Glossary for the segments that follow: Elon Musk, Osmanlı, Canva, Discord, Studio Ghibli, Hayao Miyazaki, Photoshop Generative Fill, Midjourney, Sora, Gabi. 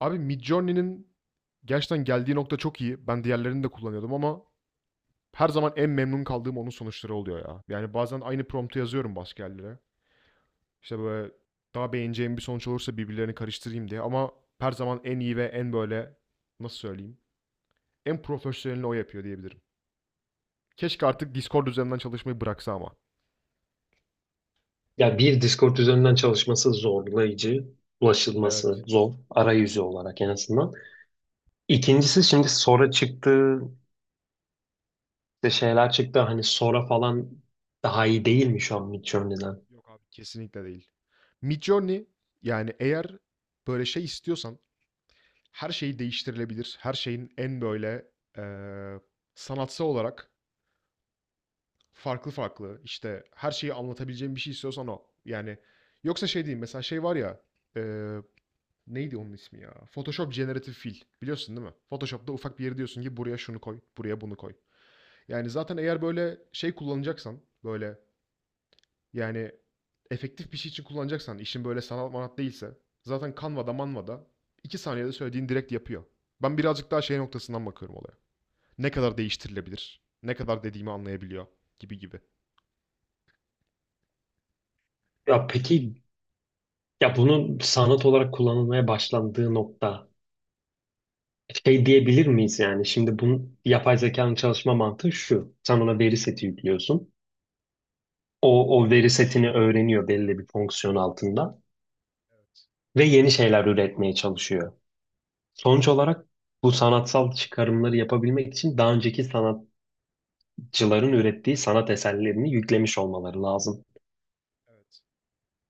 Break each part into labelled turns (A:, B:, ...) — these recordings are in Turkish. A: Abi Midjourney'nin gerçekten geldiği nokta çok iyi. Ben diğerlerini de kullanıyordum ama her zaman en memnun kaldığım onun sonuçları oluyor ya. Yani bazen aynı promptu yazıyorum başka yerlere. İşte böyle daha beğeneceğim bir sonuç olursa birbirlerini karıştırayım diye ama her zaman en iyi ve en böyle nasıl söyleyeyim? En profesyonelini o yapıyor diyebilirim. Keşke artık Discord üzerinden çalışmayı bıraksa ama.
B: Ya bir Discord üzerinden çalışması zorlayıcı, ulaşılması
A: Evet.
B: zor arayüzü olarak en azından. İkincisi şimdi Sora çıktı, işte şeyler çıktı hani Sora falan daha iyi değil mi şu an Midjourney'den?
A: Yok abi kesinlikle değil. Midjourney yani eğer böyle şey istiyorsan her şey değiştirilebilir. Her şeyin en böyle eee, sanatsal olarak farklı farklı işte her şeyi anlatabileceğin bir şey istiyorsan o. Yani yoksa şey değil mesela şey var ya eee, neydi onun ismi ya? Photoshop Generative Fill biliyorsun değil mi? Photoshop'ta ufak bir yeri diyorsun ki buraya şunu koy, buraya bunu koy. Yani zaten eğer böyle şey kullanacaksan, böyle yani efektif bir şey için kullanacaksan, işin böyle sanat manat değilse, zaten Canva'da Manva'da 2 saniyede söylediğin direkt yapıyor. Ben birazcık daha şey noktasından bakıyorum olaya ne kadar değiştirilebilir, ne kadar dediğimi anlayabiliyor gibi gibi.
B: Ya peki ya bunun sanat olarak kullanılmaya başlandığı nokta şey diyebilir miyiz yani? Şimdi bunun yapay zekanın çalışma mantığı şu. Sen ona veri seti yüklüyorsun. O veri setini öğreniyor belli bir fonksiyon altında
A: Evet,
B: ve yeni şeyler üretmeye çalışıyor. Sonuç
A: evet,
B: olarak bu sanatsal çıkarımları yapabilmek için daha önceki sanatçıların ürettiği sanat eserlerini yüklemiş olmaları lazım.
A: evet.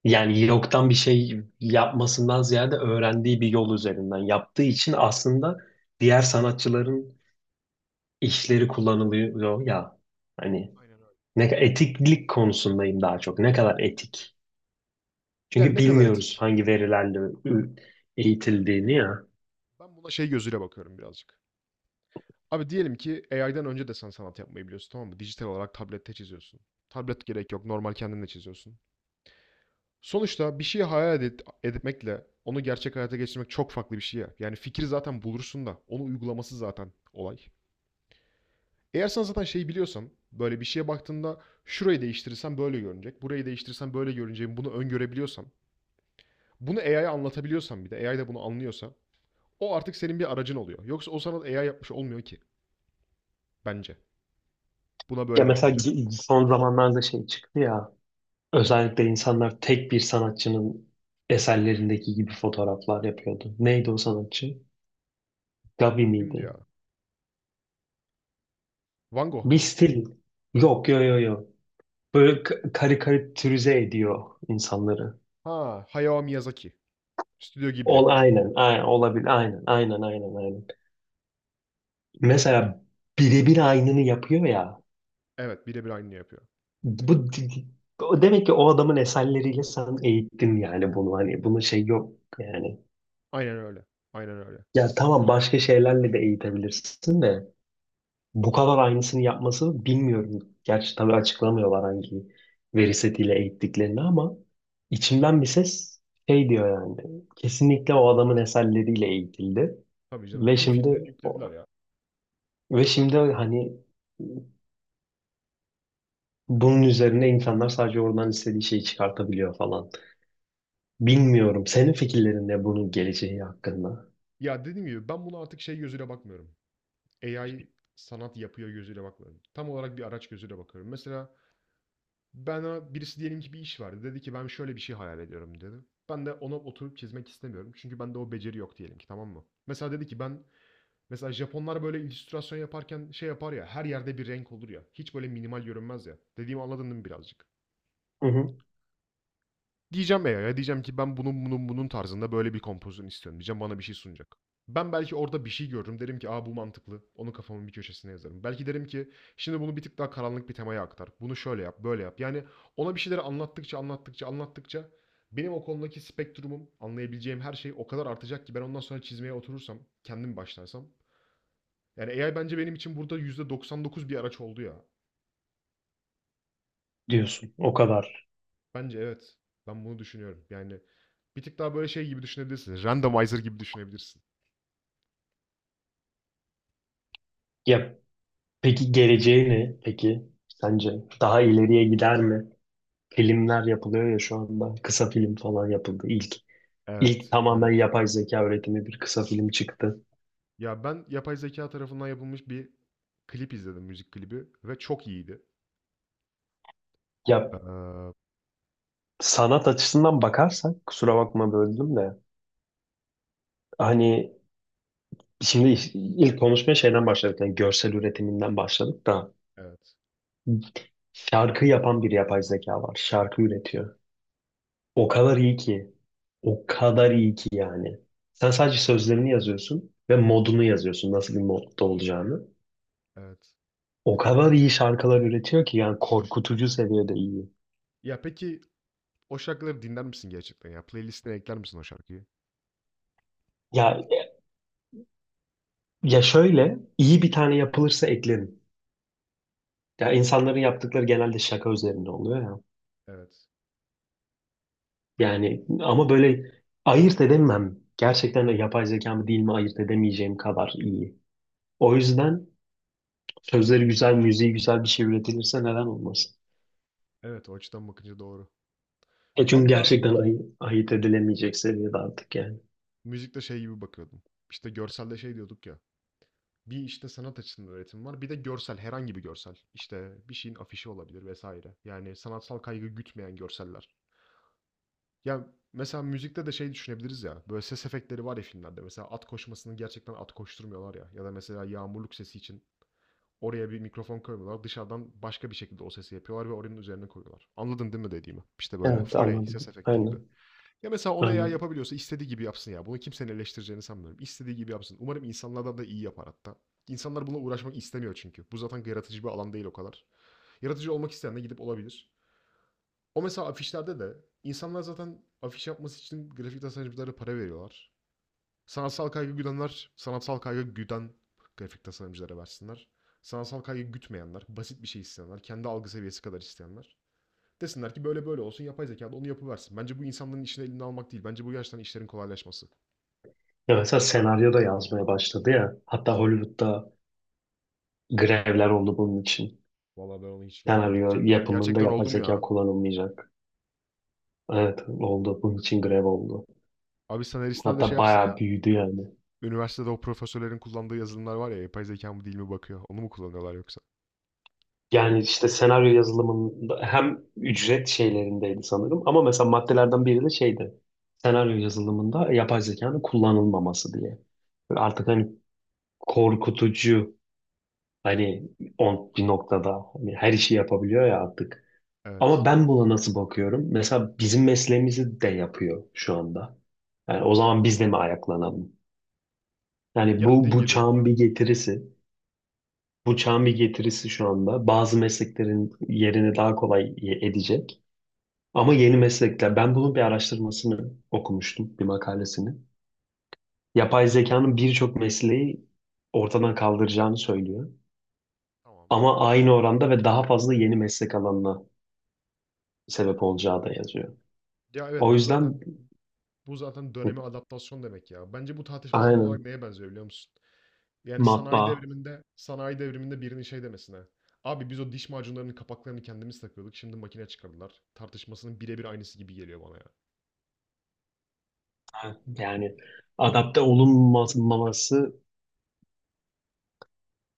B: Yani yoktan bir şey yapmasından ziyade öğrendiği bir yol üzerinden yaptığı için aslında diğer sanatçıların işleri kullanılıyor ya. Hani
A: Aynen öyle.
B: ne
A: Aynen öyle.
B: etiklik konusundayım daha çok. Ne kadar etik?
A: Yani
B: Çünkü
A: ne kadar
B: bilmiyoruz
A: etik?
B: hangi verilerle ü- eğitildiğini ya.
A: Ben buna şey gözüyle bakıyorum birazcık. Abi diyelim ki AI'den önce de sen sanat yapmayı biliyorsun tamam mı? Dijital olarak tablette çiziyorsun. Tablet gerek yok. Normal kendin de çiziyorsun. Sonuçta bir şeyi hayal edip, etmekle onu gerçek hayata geçirmek çok farklı bir şey ya. Yani fikri zaten bulursun da onu uygulaması zaten olay. Eğer sen zaten şeyi biliyorsan böyle bir şeye baktığında şurayı değiştirirsem böyle görünecek. Burayı değiştirirsem böyle görüneceğini bunu öngörebiliyorsan. Bunu AI'ye anlatabiliyorsan bir de AI de bunu anlıyorsa o artık senin bir aracın oluyor. Yoksa o sanat AI yapmış olmuyor ki bence. Buna
B: Ya
A: böyle
B: mesela
A: bakınca.
B: son zamanlarda şey çıktı ya, özellikle insanlar tek bir sanatçının eserlerindeki gibi fotoğraflar yapıyordu. Neydi o sanatçı? Gabi
A: Kimdi
B: miydi?
A: ya? Van Gogh
B: Bir
A: mu?
B: stil. Yok, yo, yo, yo. Böyle karikatürize ediyor insanları.
A: Ha, Hayao Miyazaki. Stüdyo Ghibli.
B: Aynen, aynen olabilir, aynen, aynen, aynen, aynen. Mesela birebir aynını yapıyor ya.
A: Evet, birebir aynı yapıyor.
B: Bu o demek ki o adamın eserleriyle sen eğittin yani, bunu hani bunun şey yok yani.
A: Aynen öyle. Aynen öyle.
B: Ya tamam, başka şeylerle de eğitebilirsin de. Bu kadar aynısını yapması bilmiyorum. Gerçi tabii açıklamıyorlar hangi veri setiyle eğittiklerini, ama içimden bir ses şey diyor yani. Kesinlikle o adamın eserleriyle eğitildi.
A: Tabii canım.
B: Ve
A: Tüm
B: şimdi
A: filmlerini yüklediler ya.
B: ve şimdi hani bunun üzerine insanlar sadece oradan istediği şeyi çıkartabiliyor falan. Bilmiyorum. Senin fikirlerin ne bunun geleceği hakkında?
A: Ya dediğim gibi ben bunu artık şey gözüyle bakmıyorum. AI sanat yapıyor gözüyle bakmıyorum. Tam olarak bir araç gözüyle bakıyorum. Mesela bana birisi diyelim ki bir iş verdi. Dedi ki ben şöyle bir şey hayal ediyorum dedi. Ben de ona oturup çizmek istemiyorum. Çünkü bende o beceri yok diyelim ki tamam mı? Mesela dedi ki ben mesela Japonlar böyle illüstrasyon yaparken şey yapar ya her yerde bir renk olur ya. Hiç böyle minimal görünmez ya. Dediğimi anladın değil mi birazcık?
B: Hı hı.
A: Diyeceğim AI'ya, diyeceğim ki ben bunun tarzında böyle bir kompozisyon istiyorum diyeceğim. Bana bir şey sunacak. Ben belki orada bir şey görürüm. Derim ki aa bu mantıklı. Onu kafamın bir köşesine yazarım. Belki derim ki şimdi bunu bir tık daha karanlık bir temaya aktar. Bunu şöyle yap, böyle yap. Yani ona bir şeyleri anlattıkça, anlattıkça, anlattıkça benim o konudaki spektrumum, anlayabileceğim her şey o kadar artacak ki ben ondan sonra çizmeye oturursam, kendim başlarsam. Yani AI bence benim için burada %99 bir araç oldu ya.
B: Diyorsun. O kadar.
A: Bence evet. Ben bunu düşünüyorum. Yani bir tık daha böyle şey gibi düşünebilirsin. Randomizer gibi düşünebilirsin.
B: Ya peki geleceği ne? Peki sence daha ileriye gider mi? Filmler yapılıyor ya şu anda. Kısa film falan yapıldı. İlk
A: Evet,
B: tamamen
A: evet.
B: yapay zeka üretimi bir kısa film çıktı.
A: Ya ben yapay zeka tarafından yapılmış bir klip izledim, müzik klibi ve çok iyiydi.
B: Ya
A: Eee
B: sanat açısından bakarsak, kusura bakma böldüm de, hani şimdi ilk konuşmaya şeyden başladık. Yani görsel üretiminden başladık da,
A: Evet,
B: şarkı yapan bir yapay zeka var. Şarkı üretiyor. O kadar iyi ki. O kadar iyi ki yani. Sen sadece sözlerini yazıyorsun ve modunu yazıyorsun. Nasıl bir modda olacağını.
A: evet.
B: O kadar iyi şarkılar üretiyor ki yani, korkutucu seviyede iyi.
A: Ya peki o şarkıları dinler misin gerçekten ya? Playlist'ine ekler misin o şarkıyı?
B: Ya ya şöyle iyi bir tane yapılırsa eklerim. Ya insanların yaptıkları genelde şaka üzerinde oluyor ya.
A: Evet.
B: Yani ama böyle ayırt edemem. Gerçekten de yapay zeka mı değil mi ayırt edemeyeceğim kadar iyi. O yüzden sözleri güzel, müziği güzel bir şey üretilirse neden olmasın?
A: Evet, o açıdan bakınca doğru.
B: E çünkü
A: Ben birazcık
B: gerçekten ayırt edilemeyecek seviyede artık yani.
A: müzikte şey gibi bakıyordum. İşte görselde şey diyorduk ya. Bir işte sanat açısından üretim var. Bir de görsel, herhangi bir görsel. İşte bir şeyin afişi olabilir vesaire. Yani sanatsal kaygı gütmeyen görseller. Ya mesela müzikte de şey düşünebiliriz ya. Böyle ses efektleri var ya filmlerde. Mesela at koşmasını gerçekten at koşturmuyorlar ya. Ya da mesela yağmurluk sesi için oraya bir mikrofon koymuyorlar. Dışarıdan başka bir şekilde o sesi yapıyorlar ve oranın üzerine koyuyorlar. Anladın değil mi dediğimi? İşte böyle
B: Evet,
A: foley
B: anladım.
A: ses efekti gibi.
B: Aynen.
A: Ya mesela onu eğer
B: Ben,
A: yapabiliyorsa istediği gibi yapsın ya. Bunu kimsenin eleştireceğini sanmıyorum. İstediği gibi yapsın. Umarım insanlardan da iyi yapar hatta. İnsanlar bununla uğraşmak istemiyor çünkü. Bu zaten yaratıcı bir alan değil o kadar. Yaratıcı olmak isteyen de gidip olabilir. O mesela afişlerde de insanlar zaten afiş yapması için grafik tasarımcılara para veriyorlar. Sanatsal kaygı güdenler, sanatsal kaygı güden grafik tasarımcılara versinler. Sanatsal kaygı gütmeyenler, basit bir şey isteyenler, kendi algı seviyesi kadar isteyenler. Desinler ki böyle böyle olsun yapay zeka da onu yapıversin. Bence bu insanların işini elinden almak değil. Bence bu gerçekten işlerin kolaylaşması.
B: ya mesela senaryo da yazmaya başladı ya. Hatta Hollywood'da grevler oldu bunun için.
A: Vallahi ben onu hiç görmedim.
B: Senaryo
A: Gerçekten o
B: yapımında
A: gerçekten
B: yapay
A: oldu mu
B: zeka
A: ya?
B: kullanılmayacak. Evet, oldu. Bunun için grev oldu.
A: Abi senaristler de şey
B: Hatta
A: yapsın ya.
B: bayağı büyüdü yani.
A: Üniversitede o profesörlerin kullandığı yazılımlar var ya yapay zeka mı değil mi bakıyor. Onu mu kullanıyorlar yoksa?
B: Yani işte senaryo yazılımında hem ücret şeylerindeydi sanırım, ama mesela maddelerden biri de şeydi. Senaryo yazılımında yapay zekanın kullanılmaması diye. Böyle artık hani korkutucu, hani 11 noktada hani her işi yapabiliyor ya artık. Ama
A: Evet.
B: ben buna nasıl bakıyorum? Mesela bizim mesleğimizi de yapıyor şu anda. Yani o zaman biz de mi ayaklanalım? Yani
A: Ya,
B: bu,
A: dediğin
B: bu
A: gibi.
B: çağın bir getirisi. Bu çağın bir getirisi şu anda. Bazı mesleklerin yerini daha kolay edecek. Ama yeni meslekler. Ben bunun bir araştırmasını okumuştum, bir makalesini. Yapay zekanın birçok mesleği ortadan kaldıracağını söylüyor.
A: Tamam.
B: Ama aynı oranda ve daha fazla yeni meslek alanına sebep olacağı da yazıyor.
A: Ya, evet,
B: O
A: bu
B: yüzden
A: zaten bu zaten döneme adaptasyon demek ya. Bence bu tartışma tam olarak
B: aynen,
A: neye benziyor biliyor musun? Yani sanayi
B: matbaa,
A: devriminde sanayi devriminde birinin şey demesine. Abi biz o diş macunlarının kapaklarını kendimiz takıyorduk. Şimdi makine çıkardılar. Tartışmasının birebir aynısı gibi geliyor bana ya.
B: yani adapte olunmaması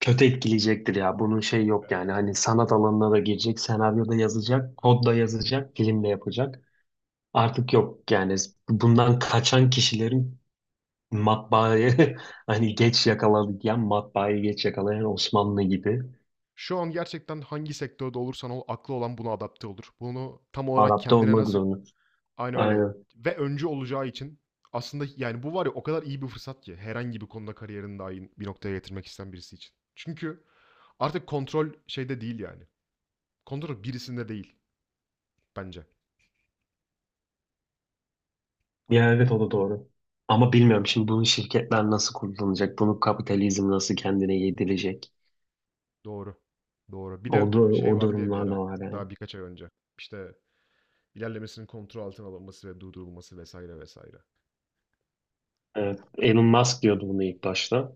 B: kötü etkileyecektir ya. Bunun şey yok yani. Hani sanat alanına da girecek, senaryo da yazacak, kod da yazacak, film de yapacak. Artık yok yani. Bundan kaçan kişilerin, matbaayı hani geç yakalayan, matbaayı geç yakalayan Osmanlı gibi
A: Şu an gerçekten hangi sektörde olursan ol aklı olan buna adapte olur. Bunu tam olarak
B: adapte
A: kendine
B: olmak
A: nasıl...
B: zorunda.
A: Aynen öyle
B: Aynen.
A: ve öncü olacağı için aslında yani bu var ya o kadar iyi bir fırsat ki herhangi bir konuda kariyerini dahi bir noktaya getirmek isteyen birisi için. Çünkü artık kontrol şeyde değil yani. Kontrol birisinde değil bence.
B: Ya evet, o da doğru. Ama bilmiyorum, şimdi bunu şirketler nasıl kullanacak? Bunu kapitalizm nasıl kendine yedirecek?
A: Doğru. Doğru. Bir
B: O,
A: de
B: da-
A: şey
B: o
A: vardı ya bir
B: durumlar da
A: ara
B: var yani.
A: daha birkaç ay önce. İşte ilerlemesinin kontrol altına alınması ve durdurulması vesaire vesaire.
B: Evet, Elon Musk diyordu bunu ilk başta.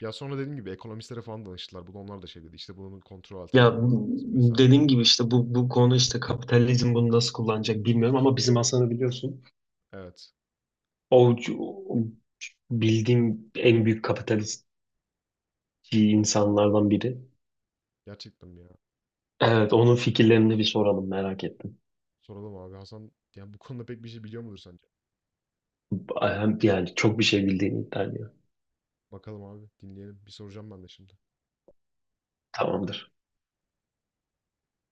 A: Ya sonra dediğim gibi ekonomistlere falan danıştılar. Bunu onlar da şey dedi. İşte bunun kontrol altına
B: Ya
A: alınması
B: bu-
A: lazım vesaire.
B: dediğim gibi işte bu konu işte kapitalizm bunu nasıl kullanacak bilmiyorum, ama bizim Hasan'ı biliyorsun.
A: Evet.
B: O, o bildiğim en büyük kapitalist insanlardan biri.
A: Gerçekten ya.
B: Evet, onun fikirlerini bir soralım, merak ettim.
A: Soralım abi. Hasan yani bu konuda pek bir şey biliyor mudur sence?
B: Yani çok bir şey bildiğini iddia ediyor.
A: Bakalım abi dinleyelim. Bir soracağım ben de şimdi.
B: Tamamdır.